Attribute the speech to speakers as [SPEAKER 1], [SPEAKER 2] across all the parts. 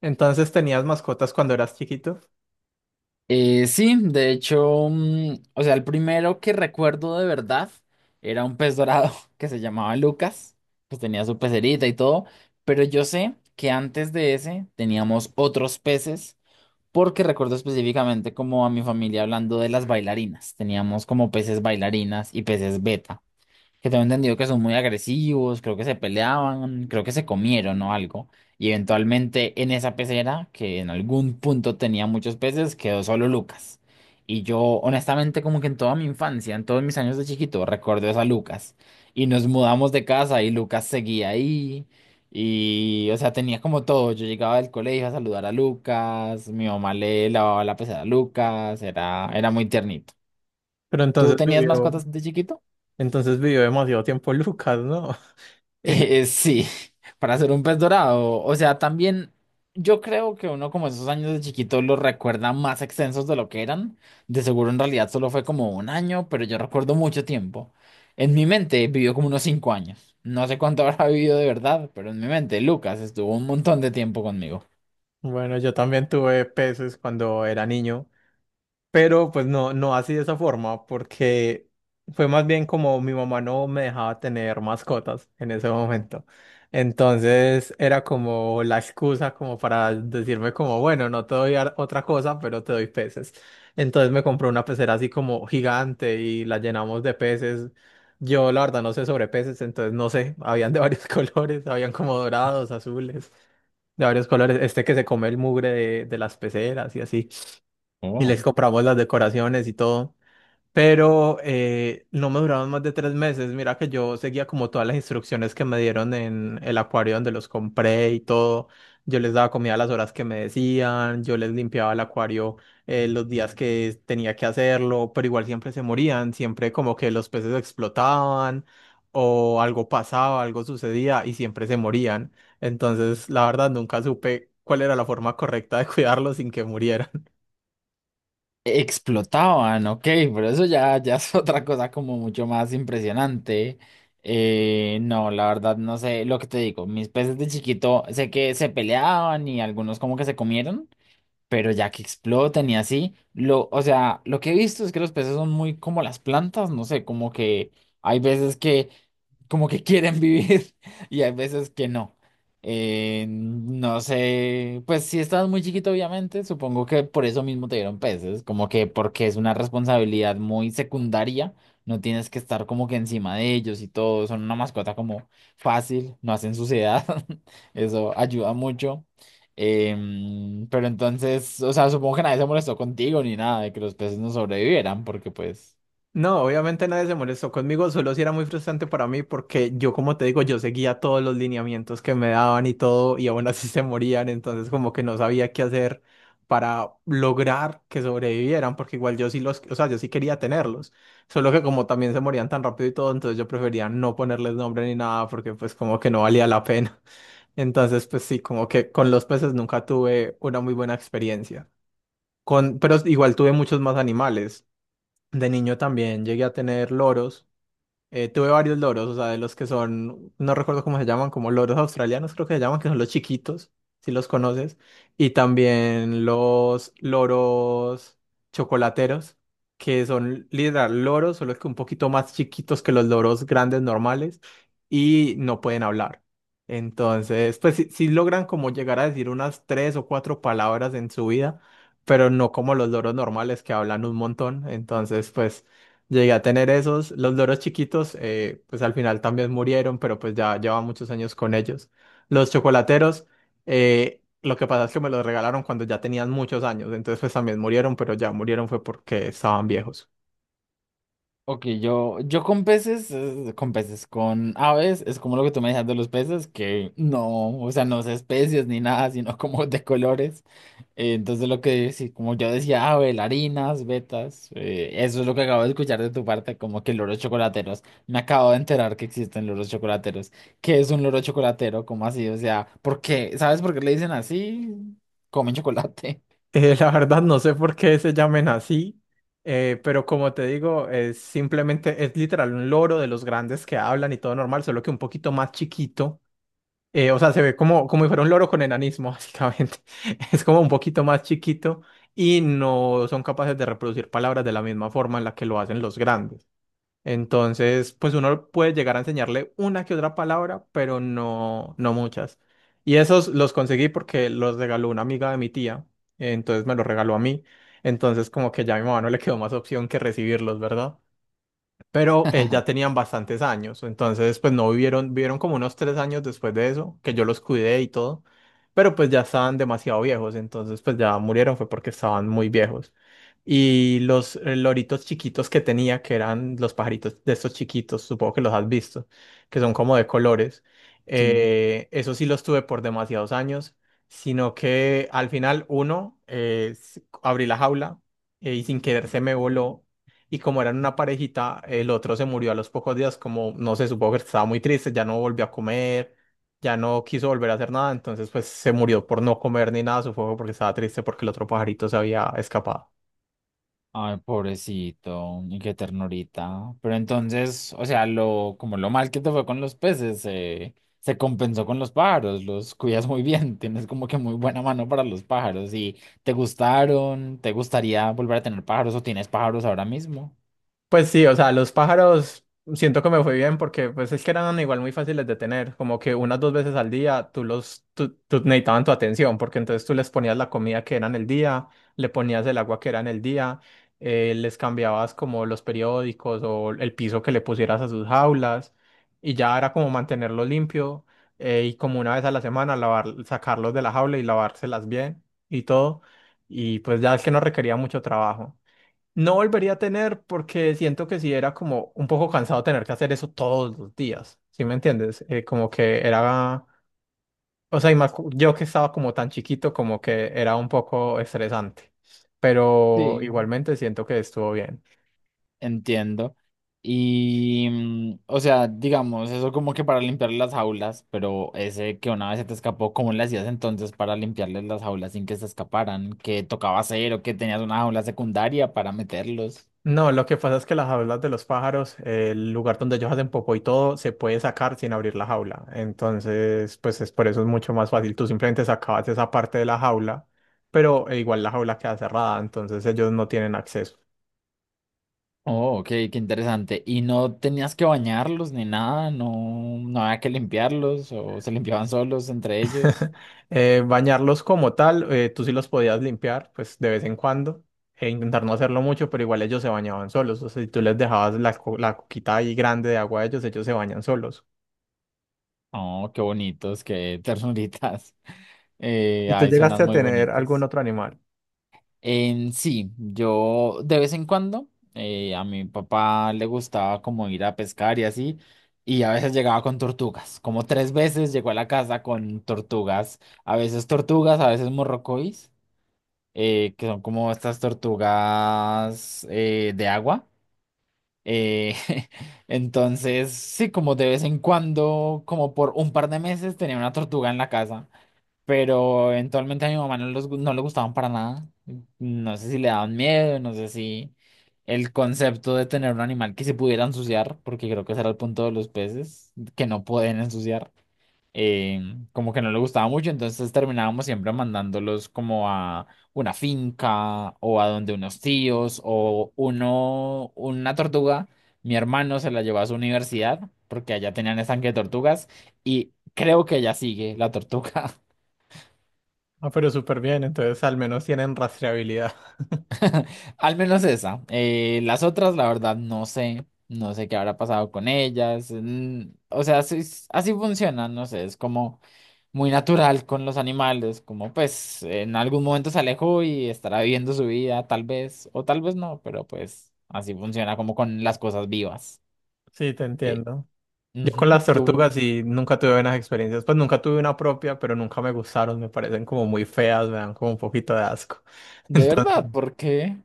[SPEAKER 1] Entonces tenías mascotas cuando eras chiquito,
[SPEAKER 2] Sí, de hecho, o sea, el primero que recuerdo de verdad era un pez dorado que se llamaba Lucas, pues tenía su pecerita y todo, pero yo sé que antes de ese teníamos otros peces, porque recuerdo específicamente como a mi familia hablando de las bailarinas, teníamos como peces bailarinas y peces beta. Que tengo entendido que son muy agresivos, creo que se peleaban, creo que se comieron o algo. Y eventualmente en esa pecera, que en algún punto tenía muchos peces, quedó solo Lucas. Y yo, honestamente, como que en toda mi infancia, en todos mis años de chiquito, recuerdo esa Lucas. Y nos mudamos de casa y Lucas seguía ahí. Y, o sea, tenía como todo. Yo llegaba del colegio a saludar a Lucas, mi mamá le lavaba la pecera a Lucas, era muy tiernito.
[SPEAKER 1] pero
[SPEAKER 2] ¿Tú
[SPEAKER 1] entonces
[SPEAKER 2] tenías
[SPEAKER 1] vivió,
[SPEAKER 2] mascotas de chiquito?
[SPEAKER 1] entonces vivió demasiado tiempo Lucas, ¿no? Eh,
[SPEAKER 2] Sí, para ser un pez dorado. O sea, también yo creo que uno como esos años de chiquito los recuerda más extensos de lo que eran. De seguro en realidad solo fue como un año, pero yo recuerdo mucho tiempo. En mi mente vivió como unos 5 años. No sé cuánto habrá vivido de verdad, pero en mi mente Lucas estuvo un montón de tiempo conmigo.
[SPEAKER 1] bueno, yo también tuve peces cuando era niño. Pero pues no, no así de esa forma, porque fue más bien como mi mamá no me dejaba tener mascotas en ese momento. Entonces era como la excusa como para decirme como, bueno, no te doy otra cosa, pero te doy peces. Entonces me compró una pecera así como gigante y la llenamos de peces. Yo la verdad no sé sobre peces, entonces no sé, habían de varios colores, habían como dorados, azules, de varios colores. Este que se come el mugre de las peceras y así y les compramos las decoraciones y todo. Pero no me duraron más de 3 meses. Mira que yo seguía como todas las instrucciones que me dieron en el acuario donde los compré y todo. Yo les daba comida a las horas que me decían, yo les limpiaba el acuario los días que tenía que hacerlo, pero igual siempre se morían, siempre como que los peces explotaban o algo pasaba, algo sucedía y siempre se morían. Entonces, la verdad, nunca supe cuál era la forma correcta de cuidarlos sin que murieran.
[SPEAKER 2] Explotaban, ok, pero eso ya es otra cosa como mucho más impresionante. No, la verdad no sé lo que te digo. Mis peces de chiquito sé que se peleaban y algunos como que se comieron, pero ya que explotan y así, o sea, lo que he visto es que los peces son muy como las plantas, no sé, como que hay veces que como que quieren vivir y hay veces que no. No sé, pues si estás muy chiquito, obviamente, supongo que por eso mismo te dieron peces, como que porque es una responsabilidad muy secundaria, no tienes que estar como que encima de ellos y todo, son una mascota como fácil, no hacen suciedad, eso ayuda mucho. Pero entonces, o sea, supongo que nadie se molestó contigo ni nada de que los peces no sobrevivieran, porque pues,
[SPEAKER 1] No, obviamente nadie se molestó conmigo, solo sí era muy frustrante para mí porque yo, como te digo, yo seguía todos los lineamientos que me daban y todo y aún así se morían, entonces como que no sabía qué hacer para lograr que sobrevivieran, porque igual yo sí los, o sea, yo sí quería tenerlos, solo que como también se morían tan rápido y todo, entonces yo prefería no ponerles nombre ni nada porque pues como que no valía la pena. Entonces pues sí, como que con los peces nunca tuve una muy buena experiencia. Pero igual tuve muchos más animales. De niño también llegué a tener loros. Tuve varios loros, o sea, de los que son, no recuerdo cómo se llaman, como loros australianos creo que se llaman, que son los chiquitos, si los conoces, y también los loros chocolateros, que son literal loros, solo que un poquito más chiquitos que los loros grandes normales, y no pueden hablar. Entonces, pues sí, sí logran como llegar a decir unas tres o cuatro palabras en su vida, pero no como los loros normales que hablan un montón, entonces, pues... Llegué a tener esos, los loros chiquitos, pues al final también murieron, pero pues ya llevaba muchos años con ellos. Los chocolateros, lo que pasa es que me los regalaron cuando ya tenían muchos años, entonces pues también murieron, pero ya murieron fue porque estaban viejos.
[SPEAKER 2] ok, yo con peces, con peces, con aves, es como lo que tú me decías de los peces, que no, o sea, no es especies ni nada, sino como de colores. Entonces lo que sí, como yo decía, ah, bailarinas, betas, eso es lo que acabo de escuchar de tu parte, como que loros chocolateros. Me acabo de enterar que existen loros chocolateros. ¿Qué es un loro chocolatero? ¿Cómo así? O sea, ¿por qué? ¿Sabes por qué le dicen así? Comen chocolate.
[SPEAKER 1] La verdad no sé por qué se llamen así, pero como te digo, es simplemente, es literal un loro de los grandes que hablan y todo normal, solo que un poquito más chiquito. O sea, se ve como, como si fuera un loro con enanismo, básicamente. Es como un poquito más chiquito y no son capaces de reproducir palabras de la misma forma en la que lo hacen los grandes. Entonces, pues uno puede llegar a enseñarle una que otra palabra, pero no, no muchas. Y esos los conseguí porque los regaló una amiga de mi tía, entonces me los regaló a mí. Entonces, como que ya a mi mamá no le quedó más opción que recibirlos, ¿verdad? Pero ya tenían bastantes años, entonces pues no vivieron, vivieron como unos 3 años después de eso, que yo los cuidé y todo, pero pues ya estaban demasiado viejos, entonces pues ya murieron fue porque estaban muy viejos. Y los loritos chiquitos que tenía, que eran los pajaritos de estos chiquitos, supongo que los has visto, que son como de colores,
[SPEAKER 2] Sí.
[SPEAKER 1] eso sí los tuve por demasiados años, sino que al final uno, abrí la jaula y sin querer se me voló y como eran una parejita, el otro se murió a los pocos días, como no sé, supongo que estaba muy triste, ya no volvió a comer, ya no quiso volver a hacer nada, entonces pues se murió por no comer ni nada, supongo porque estaba triste porque el otro pajarito se había escapado.
[SPEAKER 2] Ay, pobrecito, y qué ternurita. Pero entonces, o sea, lo, como lo mal que te fue con los peces, se compensó con los pájaros, los cuidas muy bien, tienes como que muy buena mano para los pájaros. ¿Y te gustaron? ¿Te gustaría volver a tener pájaros o tienes pájaros ahora mismo?
[SPEAKER 1] Pues sí, o sea, los pájaros siento que me fue bien porque pues es que eran igual muy fáciles de tener, como que unas dos veces al día tú necesitaban tu atención porque entonces tú les ponías la comida que era en el día, le ponías el agua que era en el día, les cambiabas como los periódicos o el piso que le pusieras a sus jaulas y ya era como mantenerlo limpio y como una vez a la semana lavar, sacarlos de la jaula y lavárselas bien y todo y pues ya es que no requería mucho trabajo. No volvería a tener porque siento que sí era como un poco cansado tener que hacer eso todos los días, ¿sí me entiendes? Como que era, o sea, y más yo que estaba como tan chiquito, como que era un poco estresante, pero
[SPEAKER 2] Sí.
[SPEAKER 1] igualmente siento que estuvo bien.
[SPEAKER 2] Entiendo. Y, mm, o sea, digamos, eso como que para limpiar las jaulas, pero ese que una vez se te escapó, ¿cómo le hacías entonces para limpiarles las jaulas sin que se escaparan? ¿Qué tocaba hacer o que tenías una jaula secundaria para meterlos?
[SPEAKER 1] No, lo que pasa es que las jaulas de los pájaros, el lugar donde ellos hacen popó y todo, se puede sacar sin abrir la jaula. Entonces, pues es por eso es mucho más fácil. Tú simplemente sacabas esa parte de la jaula, pero igual la jaula queda cerrada, entonces ellos no tienen acceso.
[SPEAKER 2] Oh, ok, qué interesante. ¿Y no tenías que bañarlos ni nada? ¿No, no había que limpiarlos o se limpiaban solos entre ellos?
[SPEAKER 1] Bañarlos como tal, tú sí los podías limpiar, pues de vez en cuando, e intentar no hacerlo mucho, pero igual ellos se bañaban solos. O sea, si tú les dejabas la coquita ahí grande de agua a ellos, ellos se bañan solos.
[SPEAKER 2] Oh, qué bonitos, qué ternuritas. Eh,
[SPEAKER 1] ¿Y tú
[SPEAKER 2] ay,
[SPEAKER 1] llegaste
[SPEAKER 2] suenan
[SPEAKER 1] a
[SPEAKER 2] muy
[SPEAKER 1] tener algún
[SPEAKER 2] bonitos.
[SPEAKER 1] otro animal?
[SPEAKER 2] En sí, yo de vez en cuando a mi papá le gustaba como ir a pescar y así, y a veces llegaba con tortugas, como 3 veces llegó a la casa con tortugas, a veces morrocois, que son como estas tortugas de agua. eh, entonces, sí, como de vez en cuando, como por un par de meses tenía una tortuga en la casa pero eventualmente a mi mamá no, no le gustaban para nada. No sé si le daban miedo, no sé si el concepto de tener un animal que se pudiera ensuciar, porque creo que ese era el punto de los peces, que no pueden ensuciar, eh, como que no le gustaba mucho, entonces terminábamos siempre mandándolos como a una finca o a donde unos tíos o una tortuga. Mi hermano se la llevó a su universidad porque allá tenían estanque de tortugas y creo que ya sigue la tortuga.
[SPEAKER 1] Ah, pero súper bien, entonces al menos tienen rastreabilidad.
[SPEAKER 2] Al menos esa. Las otras, la verdad, no sé. No sé qué habrá pasado con ellas. O sea, así, así funciona, no sé. Es como muy natural con los animales. Como pues en algún momento se alejó y estará viviendo su vida, tal vez, o tal vez no, pero pues así funciona como con las cosas vivas.
[SPEAKER 1] Sí, te
[SPEAKER 2] Eh,
[SPEAKER 1] entiendo. Yo con
[SPEAKER 2] ujú,
[SPEAKER 1] las tortugas sí nunca tuve buenas experiencias. Pues nunca tuve una propia, pero nunca me gustaron. Me parecen como muy feas, me dan como un poquito de asco.
[SPEAKER 2] De verdad,
[SPEAKER 1] Entonces,
[SPEAKER 2] ¿por qué?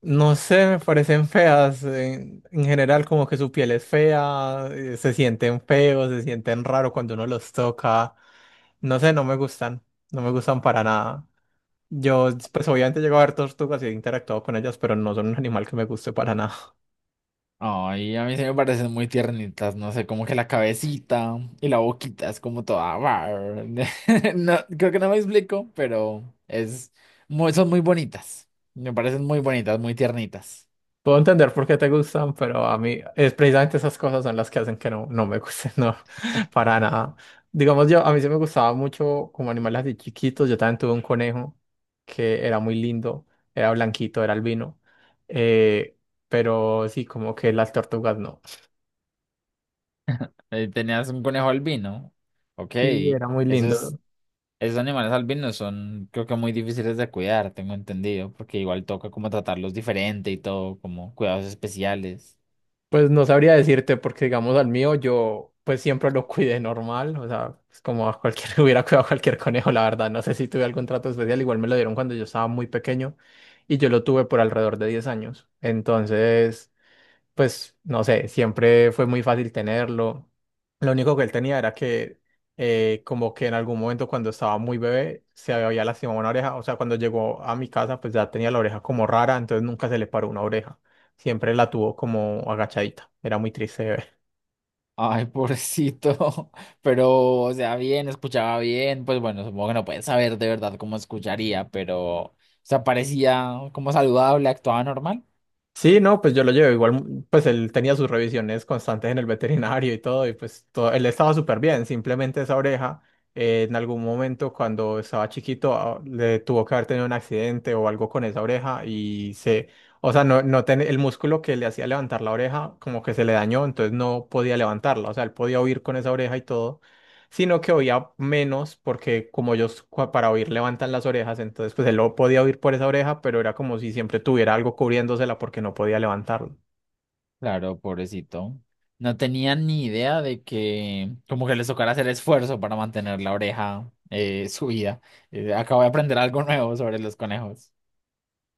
[SPEAKER 1] no sé, me parecen feas. En general, como que su piel es fea, se sienten feos, se sienten raro cuando uno los toca. No sé, no me gustan. No me gustan para nada. Yo, pues obviamente llego a ver tortugas y he interactuado con ellas, pero no son un animal que me guste para nada.
[SPEAKER 2] Ay, a mí se me parecen muy tiernitas, no sé, como que la cabecita y la boquita es como toda No, creo que no me explico, pero es muy, son muy bonitas. Me parecen muy bonitas, muy tiernitas.
[SPEAKER 1] Puedo entender por qué te gustan, pero a mí es precisamente esas cosas son las que hacen que no, no me gusten, no, para nada. Digamos yo, a mí sí me gustaba mucho como animales así chiquitos, yo también tuve un conejo que era muy lindo, era blanquito, era albino, eh, pero sí, como que las tortugas no.
[SPEAKER 2] Tenías un conejo albino. Ok,
[SPEAKER 1] Sí, era muy
[SPEAKER 2] esos,
[SPEAKER 1] lindo.
[SPEAKER 2] esos animales albinos son, creo que muy difíciles de cuidar, tengo entendido, porque igual toca como tratarlos diferente y todo, como cuidados especiales.
[SPEAKER 1] Pues no sabría decirte porque, digamos, al mío yo pues siempre lo cuidé normal, o sea, es como a cualquier, hubiera cuidado a cualquier conejo, la verdad, no sé si tuve algún trato especial, igual me lo dieron cuando yo estaba muy pequeño y yo lo tuve por alrededor de 10 años, entonces pues no sé, siempre fue muy fácil tenerlo. Lo único que él tenía era que como que en algún momento cuando estaba muy bebé se había lastimado una oreja, o sea, cuando llegó a mi casa pues ya tenía la oreja como rara, entonces nunca se le paró una oreja, siempre la tuvo como agachadita, era muy triste.
[SPEAKER 2] Ay, pobrecito. Pero, o sea, bien, escuchaba bien. Pues bueno, supongo que no puedes saber de verdad cómo escucharía, pero, o sea, parecía como saludable, actuaba normal.
[SPEAKER 1] Sí, no, pues yo lo llevo igual, pues él tenía sus revisiones constantes en el veterinario y todo, y pues todo, él estaba súper bien, simplemente esa oreja en algún momento cuando estaba chiquito le tuvo que haber tenido un accidente o algo con esa oreja y o sea, no, el músculo que le hacía levantar la oreja como que se le dañó, entonces no podía levantarla, o sea, él podía oír con esa oreja y todo sino que oía menos porque como ellos para oír levantan las orejas, entonces pues él lo podía oír por esa oreja, pero era como si siempre tuviera algo cubriéndosela porque no podía levantarlo.
[SPEAKER 2] Claro, pobrecito. No tenía ni idea de que, como que les tocara hacer esfuerzo para mantener la oreja subida. Acabo de aprender algo nuevo sobre los conejos.